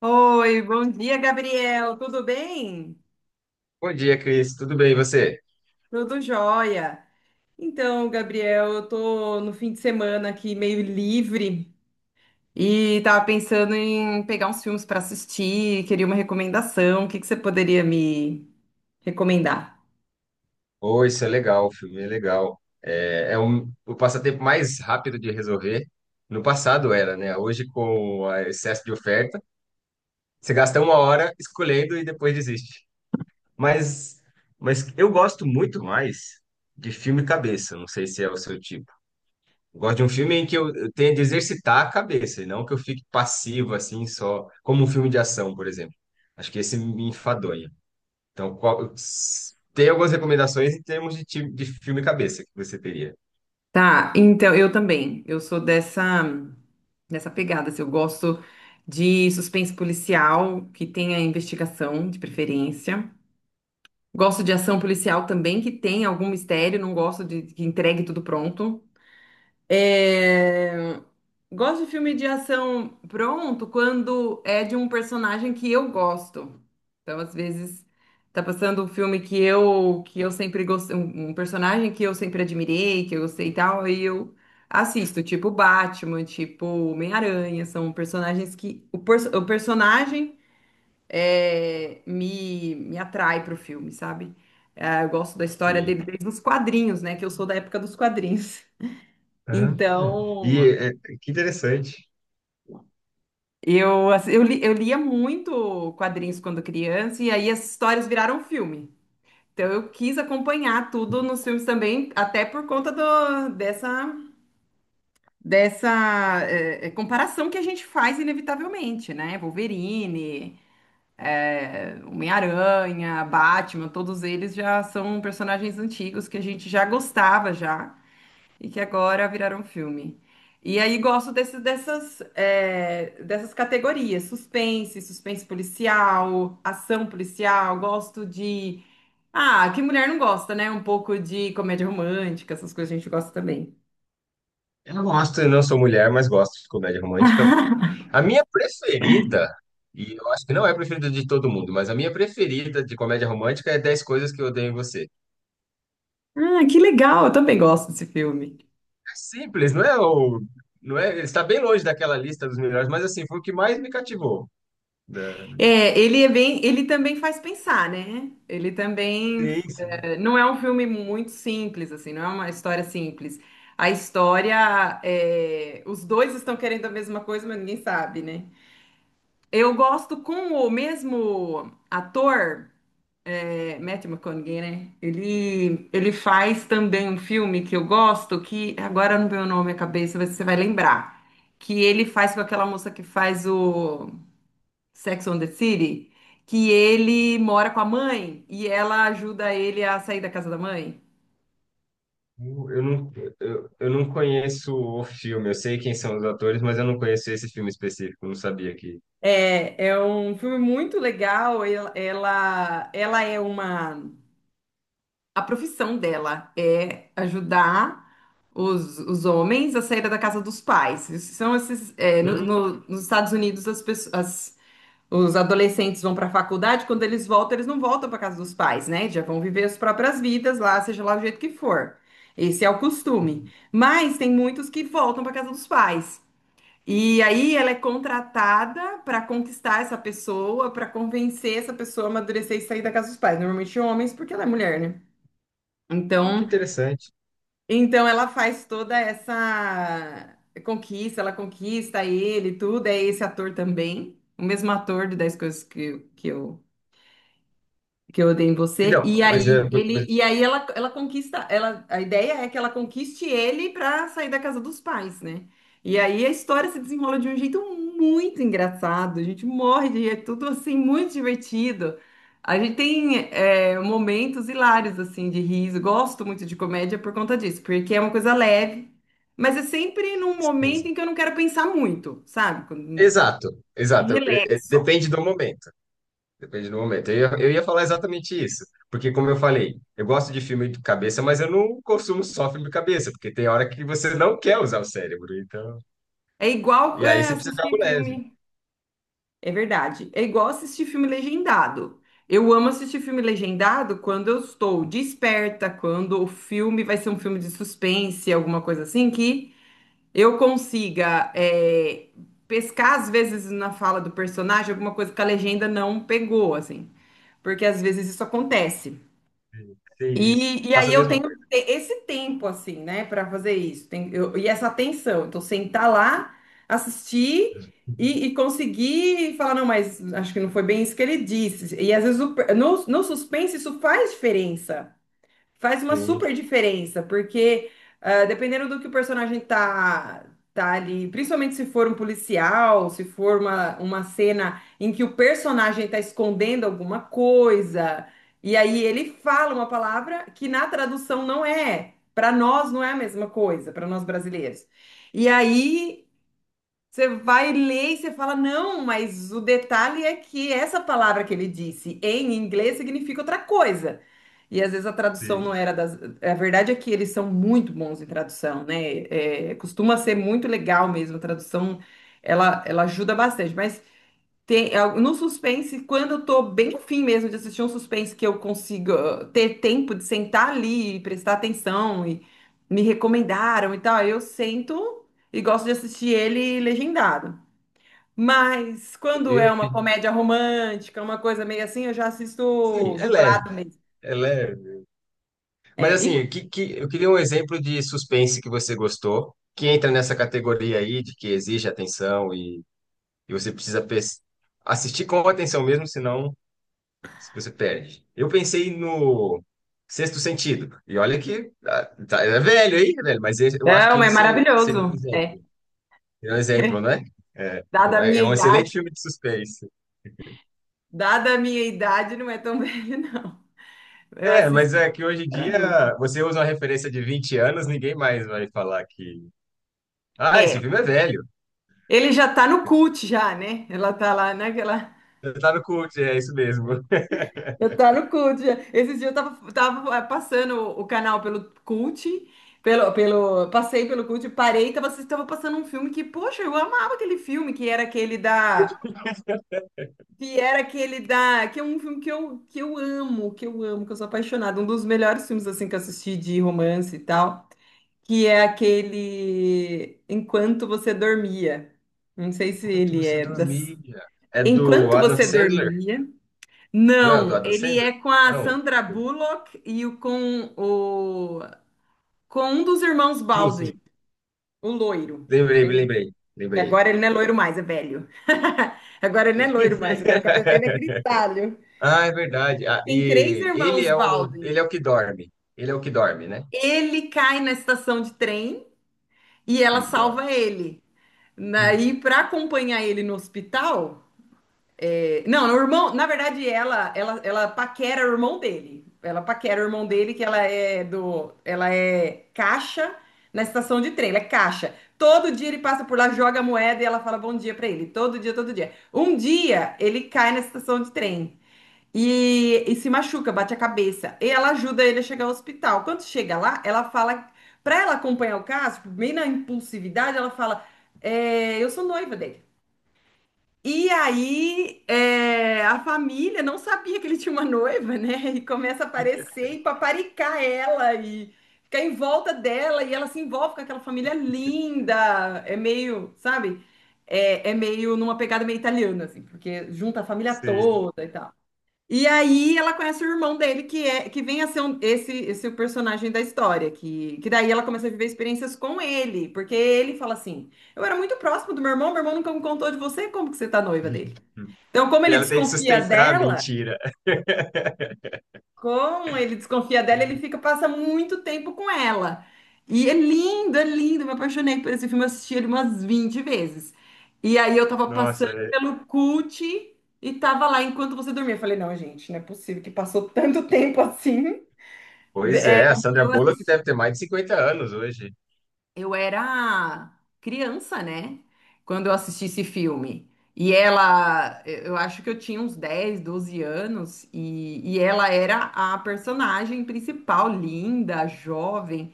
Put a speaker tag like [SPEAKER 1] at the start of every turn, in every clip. [SPEAKER 1] Oi, bom dia, Gabriel. Tudo bem?
[SPEAKER 2] Bom dia, Cris. Tudo bem, e você?
[SPEAKER 1] Tudo jóia. Então, Gabriel, eu tô no fim de semana aqui meio livre e tava pensando em pegar uns filmes para assistir, queria uma recomendação. O que que você poderia me recomendar?
[SPEAKER 2] Oi, isso é legal, o filme é legal. É, o passatempo mais rápido de resolver. No passado era, né? Hoje, com o excesso de oferta, você gasta uma hora escolhendo e depois desiste. Mas, mas eu gosto muito mais de filme cabeça. Não sei se é o seu tipo. Eu gosto de um filme em que eu tenha de exercitar a cabeça, e não que eu fique passivo, assim, só como um filme de ação, por exemplo. Acho que esse me enfadonha. Então, qual- Tem algumas recomendações em termos de filme cabeça que você teria.
[SPEAKER 1] Tá, então eu também. Eu sou dessa pegada, assim, eu gosto de suspense policial que tenha investigação, de preferência. Gosto de ação policial também, que tem algum mistério, não gosto de que entregue tudo pronto. É, Gosto de filme de ação pronto quando é de um personagem que eu gosto. Então, às vezes, tá passando um filme que eu sempre gostei, um personagem que eu sempre admirei, que eu gostei e tal, aí eu assisto, tipo Batman, tipo Homem-Aranha, são personagens que o personagem me atrai pro filme, sabe? É, eu gosto da história
[SPEAKER 2] Sim.
[SPEAKER 1] dele desde os quadrinhos, né? Que eu sou da época dos quadrinhos.
[SPEAKER 2] Ah, e
[SPEAKER 1] Então,
[SPEAKER 2] é, que interessante.
[SPEAKER 1] eu, assim, eu lia muito quadrinhos quando criança, e aí as histórias viraram filme. Então, eu quis acompanhar tudo nos filmes também, até por conta dessa, dessa comparação que a gente faz inevitavelmente, né? Wolverine. Homem-Aranha, Batman, todos eles já são personagens antigos que a gente já gostava já e que agora viraram filme. E aí gosto dessas, dessas categorias, suspense, suspense policial, ação policial, gosto de... Ah, que mulher não gosta, né? Um pouco de comédia romântica, essas coisas a gente gosta também.
[SPEAKER 2] Eu gosto, eu não sou mulher, mas gosto de comédia romântica. A minha preferida, e eu acho que não é a preferida de todo mundo, mas a minha preferida de comédia romântica é 10 Coisas que Eu Odeio em Você. É
[SPEAKER 1] Ah, que legal, eu também gosto desse filme.
[SPEAKER 2] simples, não é, está bem longe daquela lista dos melhores, mas assim, foi o que mais me cativou, né?
[SPEAKER 1] É, ele é bem, ele também faz pensar, né? Ele também
[SPEAKER 2] Sim, sim.
[SPEAKER 1] não é um filme muito simples, assim, não é uma história simples. A história, os dois estão querendo a mesma coisa, mas ninguém sabe, né? Eu gosto com o mesmo ator, é, Matthew McConaughey, né? Ele faz também um filme que eu gosto, que agora não vem o nome à cabeça, mas você vai lembrar. Que ele faz com aquela moça que faz o Sex and the City, que ele mora com a mãe e ela ajuda ele a sair da casa da mãe.
[SPEAKER 2] Eu não, eu não conheço o filme, eu sei quem são os atores, mas eu não conheço esse filme específico, não sabia que.
[SPEAKER 1] É, é um filme muito legal. Ela é uma. A profissão dela é ajudar os homens a sair da casa dos pais. Isso São esses,
[SPEAKER 2] Hum,
[SPEAKER 1] nos Estados Unidos, as pessoas, os adolescentes vão para a faculdade, quando eles voltam, eles não voltam para casa dos pais, né? Já vão viver as próprias vidas lá, seja lá o jeito que for. Esse é o costume. Mas tem muitos que voltam para casa dos pais. E aí ela é contratada para conquistar essa pessoa, para convencer essa pessoa a amadurecer e sair da casa dos pais. Normalmente homens, porque ela é mulher, né?
[SPEAKER 2] ah, que
[SPEAKER 1] Então,
[SPEAKER 2] interessante.
[SPEAKER 1] então ela faz toda essa conquista, ela conquista ele, tudo. É esse ator também, o mesmo ator de 10 coisas que eu odeio em você. E
[SPEAKER 2] Então, mas,
[SPEAKER 1] aí
[SPEAKER 2] é,
[SPEAKER 1] ele,
[SPEAKER 2] mas-
[SPEAKER 1] e aí ela conquista, ela, a ideia é que ela conquiste ele para sair da casa dos pais, né? E aí a história se desenrola de um jeito muito engraçado. A gente morre de rir, é tudo assim muito divertido. A gente tem momentos hilários assim de riso. Gosto muito de comédia por conta disso, porque é uma coisa leve, mas é sempre num momento
[SPEAKER 2] sim.
[SPEAKER 1] em que eu não quero pensar muito, sabe? Quando
[SPEAKER 2] Exato, exato.
[SPEAKER 1] relaxo.
[SPEAKER 2] Depende do momento. Depende do momento. Eu ia falar exatamente isso, porque como eu falei, eu gosto de filme de cabeça, mas eu não consumo só filme de cabeça, porque tem hora que você não quer usar o cérebro, então.
[SPEAKER 1] É igual
[SPEAKER 2] E aí
[SPEAKER 1] é,
[SPEAKER 2] você precisa de algo
[SPEAKER 1] assistir
[SPEAKER 2] leve.
[SPEAKER 1] filme. É verdade. É igual assistir filme legendado. Eu amo assistir filme legendado quando eu estou desperta, quando o filme vai ser um filme de suspense, alguma coisa assim, que eu consiga pescar, às vezes, na fala do personagem, alguma coisa que a legenda não pegou, assim. Porque às vezes isso acontece.
[SPEAKER 2] Sim, isso.
[SPEAKER 1] E
[SPEAKER 2] Faço
[SPEAKER 1] aí
[SPEAKER 2] a mesma coisa.
[SPEAKER 1] esse tempo, assim, né, para fazer isso. E essa atenção. Então, sentar lá, assistir e conseguir falar, não, mas acho que não foi bem isso que ele disse. E às vezes no suspense isso faz diferença, faz uma
[SPEAKER 2] Sim,
[SPEAKER 1] super diferença, porque ah, dependendo do que tá ali, principalmente se for um policial, se for uma cena em que o personagem tá escondendo alguma coisa, e aí ele fala uma palavra que na tradução não é. Para nós não é a mesma coisa, para nós brasileiros. E aí você vai ler e você fala, não, mas o detalhe é que essa palavra que ele disse em inglês significa outra coisa. E às vezes a tradução não
[SPEAKER 2] sim.
[SPEAKER 1] era das. A verdade é que eles são muito bons em tradução, né? É, costuma ser muito legal mesmo. A tradução ela ajuda bastante. Mas tem, é, no suspense, quando eu tô bem afim mesmo de assistir um suspense que eu consiga ter tempo de sentar ali e prestar atenção e me recomendaram e tal, aí eu sento e gosto de assistir ele legendado. Mas quando
[SPEAKER 2] Eu
[SPEAKER 1] é
[SPEAKER 2] ia
[SPEAKER 1] uma
[SPEAKER 2] pedir.
[SPEAKER 1] comédia romântica, uma coisa meio assim, eu já
[SPEAKER 2] Sim,
[SPEAKER 1] assisto
[SPEAKER 2] é leve.
[SPEAKER 1] dublado mesmo.
[SPEAKER 2] É leve,
[SPEAKER 1] É,
[SPEAKER 2] mas
[SPEAKER 1] e-
[SPEAKER 2] assim, o que, eu queria um exemplo de suspense que você gostou, que entra nessa categoria aí de que exige atenção e você precisa assistir com atenção mesmo, senão você perde. Eu pensei no Sexto Sentido, e olha que é velho, mas eu acho que
[SPEAKER 1] não,
[SPEAKER 2] ele
[SPEAKER 1] é
[SPEAKER 2] seria um
[SPEAKER 1] maravilhoso.
[SPEAKER 2] exemplo. É um exemplo, né? É,
[SPEAKER 1] Dada a
[SPEAKER 2] é
[SPEAKER 1] minha
[SPEAKER 2] é um excelente
[SPEAKER 1] idade,
[SPEAKER 2] filme de suspense.
[SPEAKER 1] Dada a minha idade, não é tão velho, não. Eu
[SPEAKER 2] É,
[SPEAKER 1] assisto
[SPEAKER 2] mas é que hoje em
[SPEAKER 1] para
[SPEAKER 2] dia
[SPEAKER 1] adulta.
[SPEAKER 2] você usa uma referência de 20 anos, ninguém mais vai falar que. Ah, esse
[SPEAKER 1] É,
[SPEAKER 2] filme é velho.
[SPEAKER 1] ele já tá no cult já, né? Ela tá lá naquela.
[SPEAKER 2] Tá no cult, é isso mesmo.
[SPEAKER 1] Eu tá no cult. Já. Esses dias tava passando o canal pelo cult, passei pelo cult, parei, tava, tava passando um filme que, poxa, eu amava aquele filme, que era aquele da. Que era aquele da. Que é um filme que eu amo, que eu amo, que eu sou apaixonada. Um dos melhores filmes assim que eu assisti de romance e tal. Que é aquele Enquanto Você Dormia. Não sei se
[SPEAKER 2] Enquanto
[SPEAKER 1] ele
[SPEAKER 2] você
[SPEAKER 1] é das.
[SPEAKER 2] dormia. É do
[SPEAKER 1] Enquanto
[SPEAKER 2] Adam
[SPEAKER 1] Você
[SPEAKER 2] Sandler?
[SPEAKER 1] Dormia.
[SPEAKER 2] Não é o do
[SPEAKER 1] Não,
[SPEAKER 2] Adam
[SPEAKER 1] ele
[SPEAKER 2] Sandler?
[SPEAKER 1] é com a
[SPEAKER 2] Não.
[SPEAKER 1] Sandra Bullock com o com um dos irmãos
[SPEAKER 2] Sim, sim.
[SPEAKER 1] Balde, o loiro.
[SPEAKER 2] Lembrei,
[SPEAKER 1] Tem-
[SPEAKER 2] lembrei,
[SPEAKER 1] que
[SPEAKER 2] lembrei.
[SPEAKER 1] agora ele não é loiro mais, é velho. Agora ele não é loiro mais, agora o cabelo dele é grisalho.
[SPEAKER 2] Ah, é verdade. Ah,
[SPEAKER 1] Tem três
[SPEAKER 2] e ele
[SPEAKER 1] irmãos
[SPEAKER 2] é o,
[SPEAKER 1] Balde.
[SPEAKER 2] ele é o que dorme. Ele é o que dorme, né?
[SPEAKER 1] Ele cai na estação de trem e ela
[SPEAKER 2] E dorme.
[SPEAKER 1] salva ele.
[SPEAKER 2] Sim,
[SPEAKER 1] Daí, para acompanhar ele no hospital, não, o irmão, na verdade, ela paquera o irmão dele. Ela paquera o irmão dele, que ela é do, ela é caixa na estação de trem, ela é caixa. Todo dia ele passa por lá, joga a moeda e ela fala bom dia pra ele, todo dia, todo dia. Um dia ele cai na estação de trem e se machuca, bate a cabeça. E ela ajuda ele a chegar ao hospital. Quando chega lá, ela fala, pra ela acompanhar o caso, tipo, meio na impulsividade, ela fala, é, eu sou noiva dele. E aí, é, a família não sabia que ele tinha uma noiva, né? E começa a aparecer e paparicar ela e ficar em volta dela e ela se envolve com aquela família linda. É meio, sabe? É, é meio numa pegada meio italiana, assim, porque junta a família
[SPEAKER 2] sim.
[SPEAKER 1] toda e tal. E aí ela conhece o irmão dele, que é que vem a ser esse, esse o personagem da história, que daí ela começa a viver experiências com ele, porque ele fala assim: eu era muito próximo do meu irmão nunca me contou de você, como que você tá noiva dele? Então, como
[SPEAKER 2] E
[SPEAKER 1] ele
[SPEAKER 2] ela tem que
[SPEAKER 1] desconfia
[SPEAKER 2] sustentar a
[SPEAKER 1] dela,
[SPEAKER 2] mentira.
[SPEAKER 1] ele fica, passa muito tempo com ela. E é lindo, é lindo. Eu me apaixonei por esse filme, eu assisti ele umas 20 vezes. E aí eu tava
[SPEAKER 2] Nossa,
[SPEAKER 1] passando
[SPEAKER 2] é.
[SPEAKER 1] pelo cult e tava lá enquanto você dormia. Eu falei, não, gente, não é possível que passou tanto tempo assim.
[SPEAKER 2] Pois
[SPEAKER 1] É,
[SPEAKER 2] é, a Sandra
[SPEAKER 1] eu
[SPEAKER 2] Bullock
[SPEAKER 1] assisti.
[SPEAKER 2] deve ter mais de 50 anos hoje.
[SPEAKER 1] Eu era criança, né? Quando eu assisti esse filme. E ela, eu acho que eu tinha uns 10, 12 anos, e ela era a personagem principal, linda, jovem.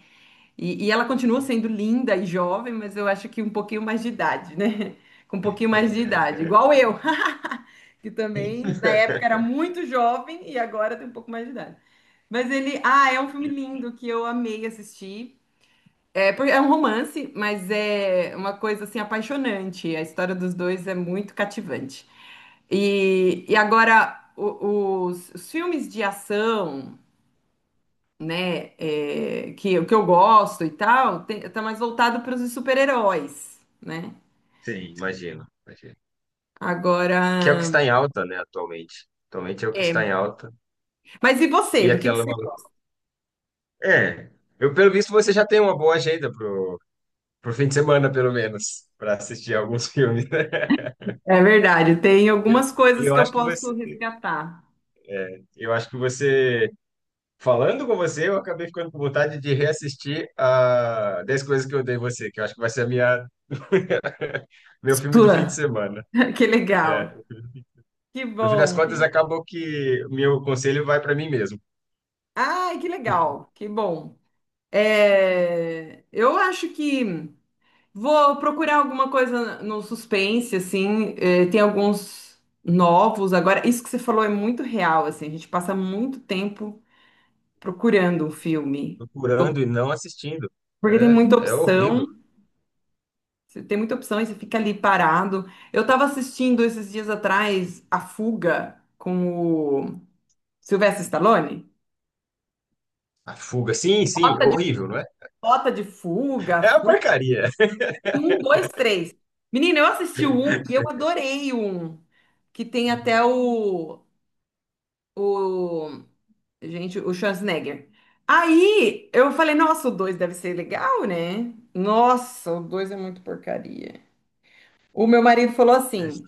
[SPEAKER 1] E ela continua sendo linda e jovem, mas eu acho que um pouquinho mais de idade, né? Com um pouquinho mais de idade, igual eu, que também na época era muito jovem e agora tem um pouco mais de idade. Mas ele, ah, é um filme lindo que eu amei assistir. É, é um romance, mas é uma coisa assim apaixonante. A história dos dois é muito cativante. E agora os filmes de ação, né, que eu gosto e tal, tem, tá mais voltado para os super-heróis, né?
[SPEAKER 2] Sim, imagino, imagino.
[SPEAKER 1] Agora,
[SPEAKER 2] Que é o que está em alta, né, atualmente. Atualmente é o que está em
[SPEAKER 1] é.
[SPEAKER 2] alta.
[SPEAKER 1] Mas e
[SPEAKER 2] E
[SPEAKER 1] você? Do que
[SPEAKER 2] aquela.
[SPEAKER 1] você gosta?
[SPEAKER 2] É, eu pelo visto você já tem uma boa agenda pro fim de semana, pelo menos, para assistir alguns filmes, né?
[SPEAKER 1] É verdade, tem
[SPEAKER 2] Eu-
[SPEAKER 1] algumas
[SPEAKER 2] E
[SPEAKER 1] coisas
[SPEAKER 2] eu
[SPEAKER 1] que eu
[SPEAKER 2] acho que
[SPEAKER 1] posso
[SPEAKER 2] você,
[SPEAKER 1] resgatar.
[SPEAKER 2] eu acho que você, falando com você, eu acabei ficando com vontade de reassistir a 10 coisas que eu dei você, que eu acho que vai ser meu filme do fim de
[SPEAKER 1] Sua.
[SPEAKER 2] semana.
[SPEAKER 1] Que legal. Que
[SPEAKER 2] No fim das
[SPEAKER 1] bom.
[SPEAKER 2] contas, acabou que meu conselho vai para mim mesmo,
[SPEAKER 1] Ai, que legal. Que bom. É, eu acho que vou procurar alguma coisa no suspense, assim. É, tem alguns novos. Agora, isso que você falou é muito real, assim. A gente passa muito tempo procurando um filme,
[SPEAKER 2] procurando e não assistindo.
[SPEAKER 1] porque tem
[SPEAKER 2] É,
[SPEAKER 1] muita
[SPEAKER 2] é
[SPEAKER 1] opção.
[SPEAKER 2] horrível.
[SPEAKER 1] Você tem muita opção e você fica ali parado. Eu tava assistindo esses dias atrás A Fuga com o Sylvester Stallone.
[SPEAKER 2] A fuga, sim, sim,
[SPEAKER 1] Rota de,
[SPEAKER 2] horrível, não é?
[SPEAKER 1] rota de fuga,
[SPEAKER 2] É uma
[SPEAKER 1] fuga.
[SPEAKER 2] porcaria.
[SPEAKER 1] Tem um, dois, três. Menina, eu assisti o um e eu adorei o um. Que tem até o, gente, o Schwarzenegger. Aí eu falei, nossa, o 2 deve ser legal, né? Nossa, o 2 é muito porcaria. O meu marido falou assim: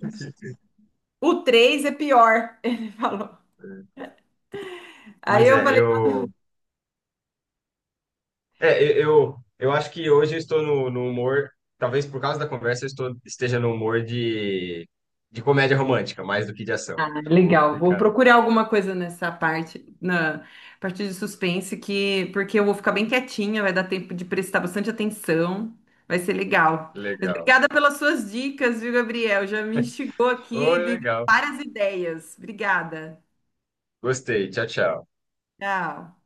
[SPEAKER 1] o 3 é pior. Ele falou. Aí
[SPEAKER 2] Mas
[SPEAKER 1] eu
[SPEAKER 2] é,
[SPEAKER 1] falei,
[SPEAKER 2] eu, é, eu, eu, eu acho que hoje eu estou no humor, talvez por causa da conversa, esteja no humor de comédia romântica, mais do que de ação.
[SPEAKER 1] ah,
[SPEAKER 2] Eu vou
[SPEAKER 1] legal. Vou
[SPEAKER 2] ficar
[SPEAKER 1] procurar alguma coisa nessa parte, na parte de suspense, que porque eu vou ficar bem quietinha, vai dar tempo de prestar bastante atenção, vai ser legal. Mas
[SPEAKER 2] legal.
[SPEAKER 1] obrigada pelas suas dicas, viu, Gabriel? Já me instigou aqui
[SPEAKER 2] Oi,
[SPEAKER 1] de
[SPEAKER 2] legal.
[SPEAKER 1] várias ideias. Obrigada.
[SPEAKER 2] Gostei. Tchau, tchau.
[SPEAKER 1] Tchau.